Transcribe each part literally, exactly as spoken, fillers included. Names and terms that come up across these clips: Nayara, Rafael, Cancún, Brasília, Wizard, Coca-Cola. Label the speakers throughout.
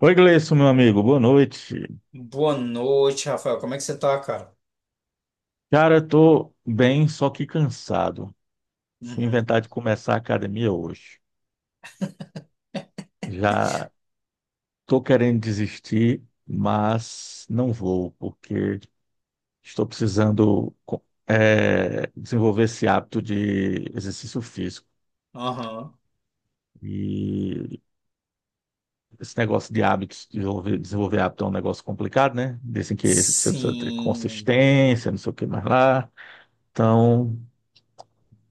Speaker 1: Oi, Gleison, meu amigo, boa noite.
Speaker 2: Boa noite, Rafael. Como é que você tá, cara?
Speaker 1: Cara, eu tô bem, só que cansado. Fui
Speaker 2: Uhum.
Speaker 1: inventar de começar a academia hoje. Já tô querendo desistir, mas não vou, porque estou precisando co- eh, desenvolver esse hábito de exercício físico.
Speaker 2: Aham.
Speaker 1: E esse negócio de hábitos, desenvolver, desenvolver hábito é um negócio complicado, né? Dizem que você precisa ter
Speaker 2: Sim.
Speaker 1: consistência, não sei o que mais lá. Então,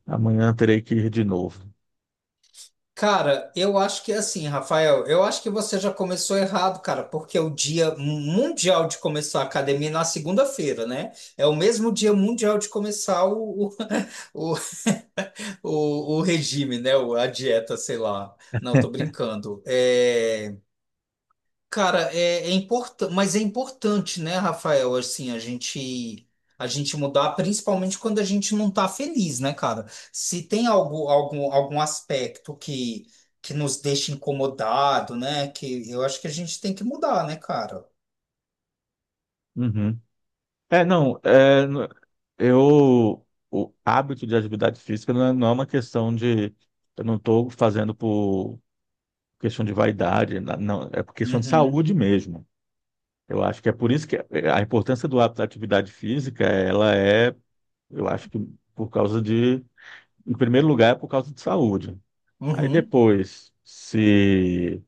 Speaker 1: amanhã terei que ir de novo.
Speaker 2: Cara, eu acho que é assim, Rafael, eu acho que você já começou errado, cara, porque é o dia mundial de começar a academia é na segunda-feira, né? É o mesmo dia mundial de começar o, o, o, o o regime, né? O- A dieta, sei lá. Não, tô brincando. É. Cara, é, é importante, mas é importante, né, Rafael, assim, a gente a gente mudar, principalmente quando a gente não tá feliz, né, cara? Se tem algo, algum, algum aspecto que, que nos deixa incomodado, né, que eu acho que a gente tem que mudar, né, cara?
Speaker 1: Uhum. É, não, é, n- eu, O hábito de atividade física não é, não é uma questão de, eu não estou fazendo por questão de vaidade, na- não, é por questão de
Speaker 2: Uhum,
Speaker 1: saúde mesmo. Eu acho que é por isso que a importância do hábito da atividade física, ela é, eu acho que por causa de, em primeiro lugar, é por causa de saúde. Aí
Speaker 2: uhum.
Speaker 1: depois, se,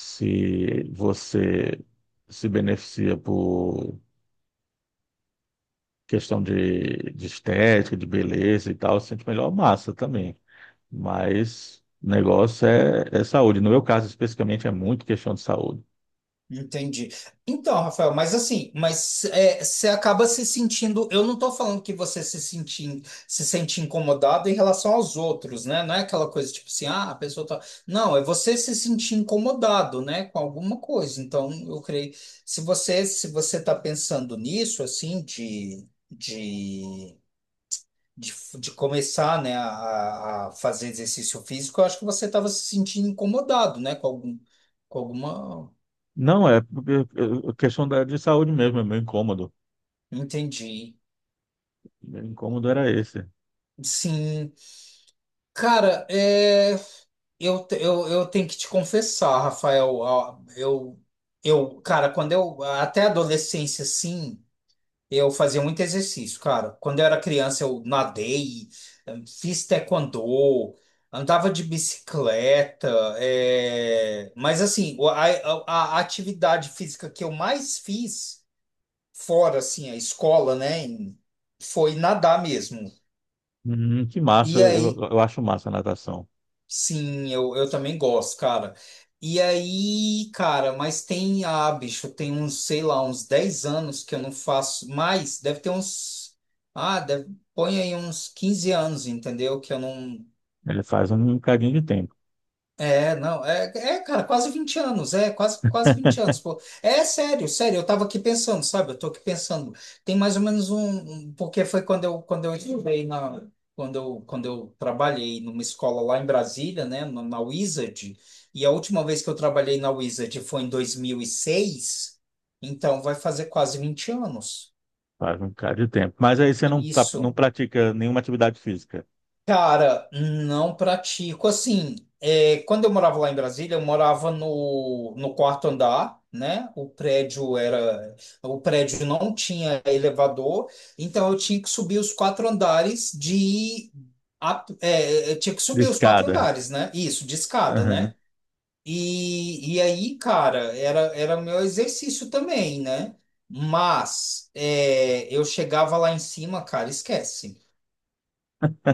Speaker 1: se você se beneficia questão de, de estética, de beleza e tal, sente melhor massa também. Mas o negócio é, é saúde. No meu caso, especificamente, é muito questão de saúde.
Speaker 2: Entendi. Então, Rafael, mas assim, mas é, você acaba se sentindo. Eu não estou falando que você se sente, se sente incomodado em relação aos outros, né? Não é aquela coisa tipo assim, ah, a pessoa tá. Não, é você se sentir incomodado, né, com alguma coisa. Então, eu creio. Se você se você está pensando nisso, assim, de, de, de, de começar, né, a, a fazer exercício físico, eu acho que você estava se sentindo incomodado, né, com algum, com alguma.
Speaker 1: Não, é, porque é questão da, de saúde mesmo, é meu incômodo.
Speaker 2: Entendi.
Speaker 1: Meu incômodo era esse.
Speaker 2: Sim. Cara, é, eu, te- eu, eu tenho que te confessar, Rafael. Ó, Eu, eu, cara, quando eu. Até a adolescência, sim, eu fazia muito exercício, cara. Quando eu era criança, eu nadei, fiz taekwondo, andava de bicicleta. é, Mas, assim, o- a, a, a atividade física que eu mais fiz, fora, assim, a escola, né, em- foi nadar mesmo.
Speaker 1: Hum, que massa,
Speaker 2: E
Speaker 1: eu,
Speaker 2: aí,
Speaker 1: eu acho massa a natação.
Speaker 2: sim, eu, eu também gosto, cara. E aí, cara, mas tem, ah, bicho, tem uns, sei lá, uns dez anos que eu não faço mais, deve ter uns, ah, deve, põe aí uns quinze anos, entendeu? Que eu não,
Speaker 1: Ele faz um bocadinho de tempo.
Speaker 2: é, não, é, é, cara, quase vinte anos, é, quase, quase vinte anos, pô. É sério, sério, eu tava aqui pensando, sabe? Eu tô aqui pensando. Tem mais ou menos um, um- porque foi quando eu, quando eu estudei na, quando eu, quando eu trabalhei numa escola lá em Brasília, né, na, na Wizard, e a última vez que eu trabalhei na Wizard foi em dois mil e seis. Então vai fazer quase vinte anos.
Speaker 1: Faz um bocado de tempo. Mas aí você não, tá- não
Speaker 2: Isso.
Speaker 1: pratica nenhuma atividade física.
Speaker 2: Cara, não pratico assim. é, quando eu morava lá em Brasília, eu morava no, no quarto andar, né? O prédio era, o prédio não tinha elevador, então eu tinha que subir os quatro andares de, a- é, eu tinha que
Speaker 1: De
Speaker 2: subir os quatro
Speaker 1: escada.
Speaker 2: andares, né? Isso, de escada,
Speaker 1: Aham.
Speaker 2: né? E, e aí, cara, era era meu exercício também, né? Mas é, eu chegava lá em cima, cara, esquece.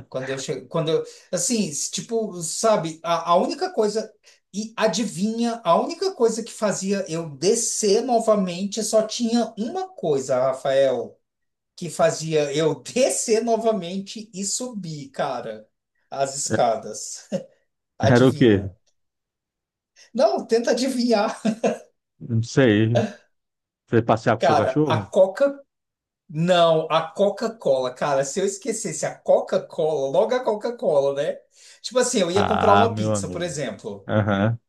Speaker 2: Quando eu chego, quando eu, assim, s- tipo, sabe, a, a única coisa, e adivinha, a única coisa que fazia eu descer novamente só tinha uma coisa, Rafael, que fazia eu descer novamente e subir, cara, as
Speaker 1: É,
Speaker 2: escadas.
Speaker 1: era o quê?
Speaker 2: Adivinha? Não, tenta adivinhar.
Speaker 1: Não sei. Você passear com seu
Speaker 2: Cara, a
Speaker 1: cachorro?
Speaker 2: Coca, não, a Coca-Cola, cara, se eu esquecesse a Coca-Cola, logo a Coca-Cola, né? Tipo assim, eu ia comprar
Speaker 1: Ah,
Speaker 2: uma
Speaker 1: meu
Speaker 2: pizza, por
Speaker 1: amigo.
Speaker 2: exemplo.
Speaker 1: Aham.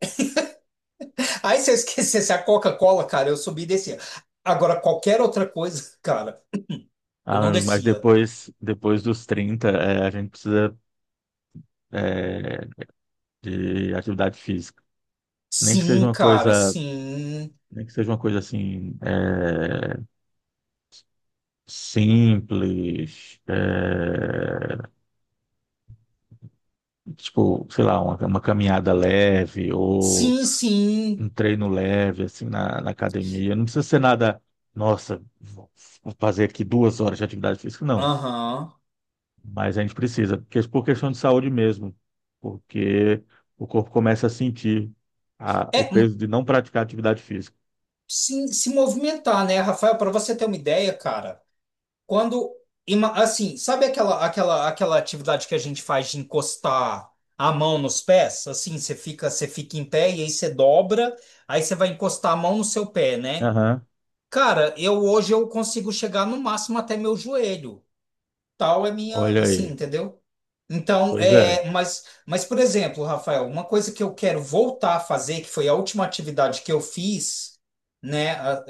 Speaker 2: Aí se eu esquecesse a Coca-Cola, cara, eu subia e descia. Agora, qualquer outra coisa, cara, eu
Speaker 1: Ah, meu
Speaker 2: não
Speaker 1: amigo, mas
Speaker 2: descia.
Speaker 1: depois, depois dos trinta, é, a gente precisa, é, de atividade física. Nem que seja
Speaker 2: Sim,
Speaker 1: uma
Speaker 2: cara,
Speaker 1: coisa,
Speaker 2: sim.
Speaker 1: nem que seja uma coisa assim, é, simples, é, tipo, sei lá, uma, uma caminhada leve ou
Speaker 2: Sim, sim.
Speaker 1: um treino leve, assim, na, na academia. Não precisa ser nada, nossa, vou fazer aqui duas horas de atividade física, não.
Speaker 2: Aham.
Speaker 1: Mas a gente precisa, porque é por questão de saúde mesmo, porque o corpo começa a sentir a- o
Speaker 2: É, hum,
Speaker 1: peso de não praticar atividade física.
Speaker 2: sim, se movimentar, né, Rafael? Para você ter uma ideia, cara, quando. ima- Assim, sabe aquela, aquela, aquela atividade que a gente faz de encostar a mão nos pés? Assim, você fica, você fica em pé e aí você dobra, aí você vai encostar a mão no seu pé, né?
Speaker 1: Aham.
Speaker 2: Cara, eu hoje eu consigo chegar no máximo até meu joelho. Tal é minha,
Speaker 1: Olha
Speaker 2: assim,
Speaker 1: aí.
Speaker 2: entendeu? Então,
Speaker 1: Pois é,
Speaker 2: é, mas, mas por exemplo, Rafael, uma coisa que eu quero voltar a fazer, que foi a última atividade que eu fiz, né, a-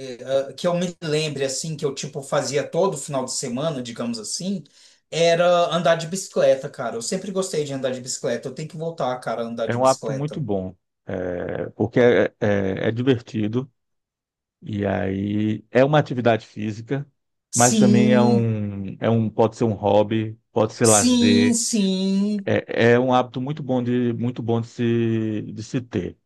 Speaker 2: a- que eu me lembre assim, que eu tipo fazia todo final de semana, digamos assim, era andar de bicicleta, cara. Eu sempre gostei de andar de bicicleta. Eu tenho que voltar, cara, a andar
Speaker 1: é
Speaker 2: de
Speaker 1: um hábito muito
Speaker 2: bicicleta.
Speaker 1: bom, é, porque é, é- é divertido e aí é uma atividade física, mas também é
Speaker 2: Sim,
Speaker 1: um, é um, pode ser um hobby, pode ser
Speaker 2: sim,
Speaker 1: lazer.
Speaker 2: sim.
Speaker 1: É, é um hábito muito bom de, muito bom de se, de se ter.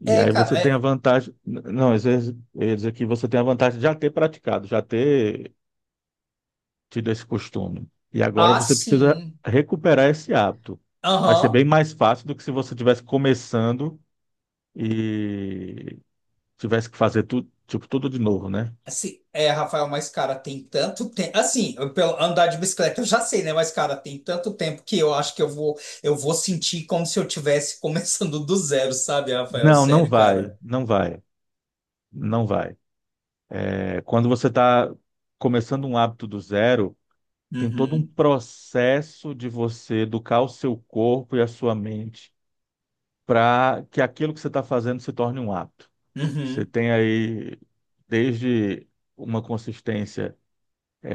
Speaker 1: E
Speaker 2: É,
Speaker 1: aí você
Speaker 2: cara,
Speaker 1: tem a
Speaker 2: é,
Speaker 1: vantagem. Não, às vezes eu ia dizer que você tem a vantagem de já ter praticado, já ter tido esse costume. E agora
Speaker 2: ah,
Speaker 1: você precisa
Speaker 2: sim.
Speaker 1: recuperar esse hábito. Vai ser bem
Speaker 2: Aham.
Speaker 1: mais fácil do que se você tivesse começando e tivesse que fazer tudo, tipo, tudo de novo, né?
Speaker 2: Assim, é, Rafael, mas cara, tem tanto tempo. Assim, eu- pelo andar de bicicleta eu já sei, né? Mas cara, tem tanto tempo que eu acho que eu vou, eu vou sentir como se eu tivesse começando do zero, sabe, Rafael?
Speaker 1: Não, não
Speaker 2: Sério,
Speaker 1: vai,
Speaker 2: cara.
Speaker 1: não vai, não vai. É, quando você está começando um hábito do zero, tem todo um
Speaker 2: Uhum.
Speaker 1: processo de você educar o seu corpo e a sua mente para que aquilo que você está fazendo se torne um hábito. Você
Speaker 2: Uhum.
Speaker 1: tem aí desde uma consistência,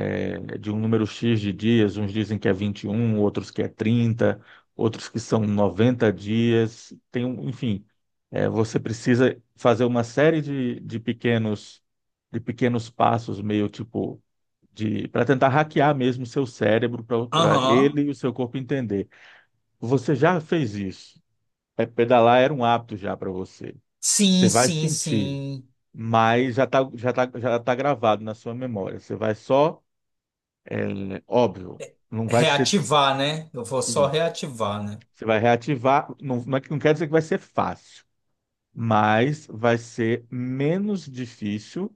Speaker 1: eh, de um número X de dias, uns dizem que é vinte e um, outros que é trinta, outros que são noventa dias, tem um, enfim, eh, você precisa fazer uma série de, de pequenos de pequenos passos, meio tipo de para tentar hackear mesmo o seu cérebro para
Speaker 2: Aham.
Speaker 1: ele e o seu corpo entender. Você já fez isso? É, pedalar era um hábito já para você. Você
Speaker 2: Sim,
Speaker 1: vai
Speaker 2: sim,
Speaker 1: sentir,
Speaker 2: sim.
Speaker 1: mas já tá, já tá, já tá gravado na sua memória. Você vai só, é, óbvio, não vai ser
Speaker 2: Reativar, né? Eu vou só
Speaker 1: isso.
Speaker 2: reativar, né?
Speaker 1: Você vai reativar, não, não é que- não quer dizer que vai ser fácil, mas vai ser menos difícil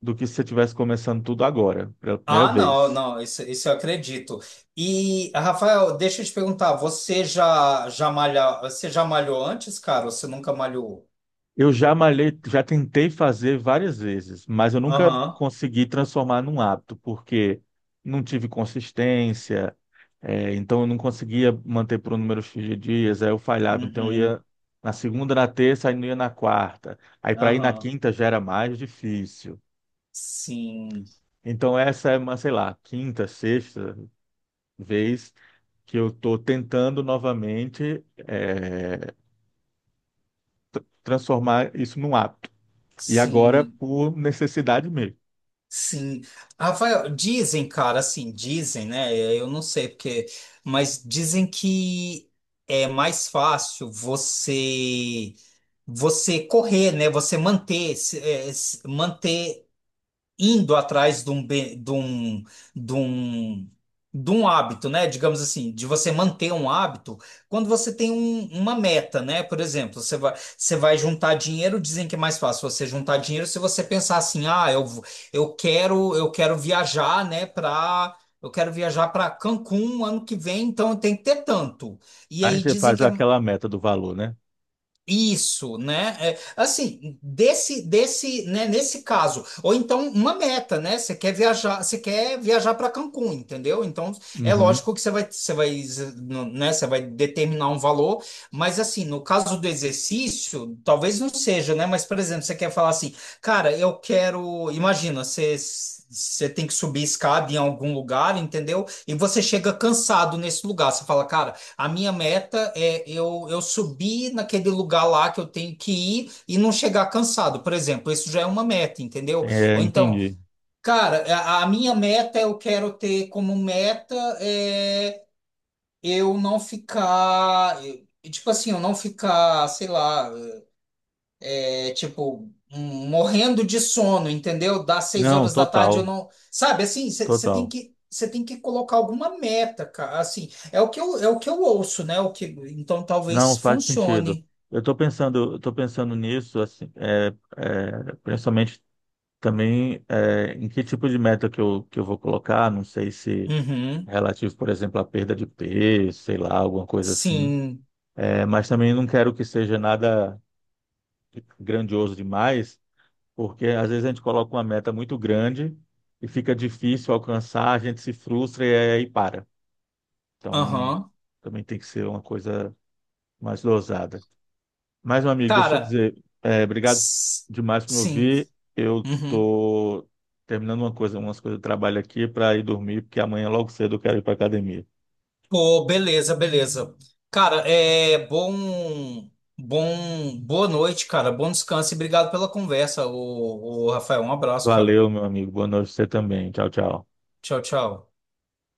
Speaker 1: do que se você estivesse começando tudo agora, pela primeira
Speaker 2: Ah, não,
Speaker 1: vez.
Speaker 2: não, isso, isso eu acredito. E, Rafael, deixa eu te perguntar, você já, já malha, você já malhou antes, cara? Ou você nunca malhou?
Speaker 1: Eu já malhei, já tentei fazer várias vezes, mas eu nunca
Speaker 2: Aham.
Speaker 1: consegui transformar num hábito, porque não tive consistência, é, então eu não conseguia manter por um número X de dias, aí eu falhava, então eu
Speaker 2: Uhum,
Speaker 1: ia na segunda, na terça, aí não ia na quarta. Aí para ir na
Speaker 2: aham.
Speaker 1: quinta já era mais difícil.
Speaker 2: Sim,
Speaker 1: Então essa é uma, sei lá, quinta, sexta vez que eu estou tentando novamente, é, transformar isso num hábito. E agora
Speaker 2: sim,
Speaker 1: por necessidade mesmo.
Speaker 2: sim. Rafael, dizem, cara, assim, dizem, né? eh, Eu não sei porque, mas dizem que é mais fácil você você correr, né? Você manter, se- é, se- manter indo atrás de um, be- de um, de um, de um hábito, né? Digamos assim, de você manter um hábito, quando você tem um- uma meta, né? Por exemplo, você vai, você vai juntar dinheiro, dizem que é mais fácil você juntar dinheiro se você pensar assim, ah, eu, vou- eu quero, eu quero viajar, né, para. Eu quero viajar para Cancún ano que vem, então eu tenho que ter tanto. E
Speaker 1: Aí
Speaker 2: aí
Speaker 1: você
Speaker 2: dizem
Speaker 1: faz
Speaker 2: que é
Speaker 1: aquela meta do valor, né?
Speaker 2: isso, né? É, assim, desse, desse, né, nesse caso, ou então uma meta, né? Você quer viajar, você quer viajar para Cancún, entendeu? Então, é
Speaker 1: Uhum.
Speaker 2: lógico que você vai, você vai, né? Você vai determinar um valor, mas assim, no caso do exercício, talvez não seja, né? Mas, por exemplo, você quer falar assim, cara, eu quero, imagina, você Você tem que subir escada em algum lugar, entendeu? E você chega cansado nesse lugar. Você fala, cara, a minha meta é eu, eu subir naquele lugar lá que eu tenho que ir e não chegar cansado, por exemplo. Isso já é uma meta, entendeu?
Speaker 1: É,
Speaker 2: Ou então,
Speaker 1: entendi.
Speaker 2: cara, a, a minha meta eu quero ter como meta é eu não ficar, eh, tipo assim, eu não ficar, sei lá. É tipo, hum, morrendo de sono, entendeu? Das seis
Speaker 1: Não,
Speaker 2: horas da tarde eu
Speaker 1: total,
Speaker 2: não. Sabe, assim, você tem
Speaker 1: total.
Speaker 2: que. Você tem que colocar alguma meta, cara. Assim, é o que eu, é o que eu ouço, né? O que, então
Speaker 1: Não
Speaker 2: talvez
Speaker 1: faz sentido.
Speaker 2: funcione.
Speaker 1: Eu estou pensando, eu tô pensando nisso, assim, é, é, principalmente também é, em que tipo de meta que eu, que eu vou colocar. Não sei se
Speaker 2: Uhum.
Speaker 1: relativo, por exemplo, à perda de peso, sei lá, alguma coisa assim.
Speaker 2: Sim.
Speaker 1: É, mas também não quero que seja nada grandioso demais, porque às vezes a gente coloca uma meta muito grande e fica difícil alcançar, a gente se frustra e aí para. Então,
Speaker 2: Aham.
Speaker 1: também tem que ser uma coisa mais dosada. Mas, meu amigo, deixa eu
Speaker 2: Cara,
Speaker 1: dizer, é, obrigado
Speaker 2: s-
Speaker 1: demais por me
Speaker 2: sim.
Speaker 1: ouvir. Eu
Speaker 2: Uhum.
Speaker 1: tô terminando uma coisa, umas coisas de trabalho aqui para ir dormir, porque amanhã logo cedo eu quero ir para academia.
Speaker 2: Pô, beleza, beleza. Cara, é bom, bom, boa noite, cara. Bom descanso e obrigado pela conversa, o, Rafael. Um abraço, cara.
Speaker 1: Valeu, meu amigo. Boa noite pra você também. Tchau, tchau.
Speaker 2: Tchau, tchau.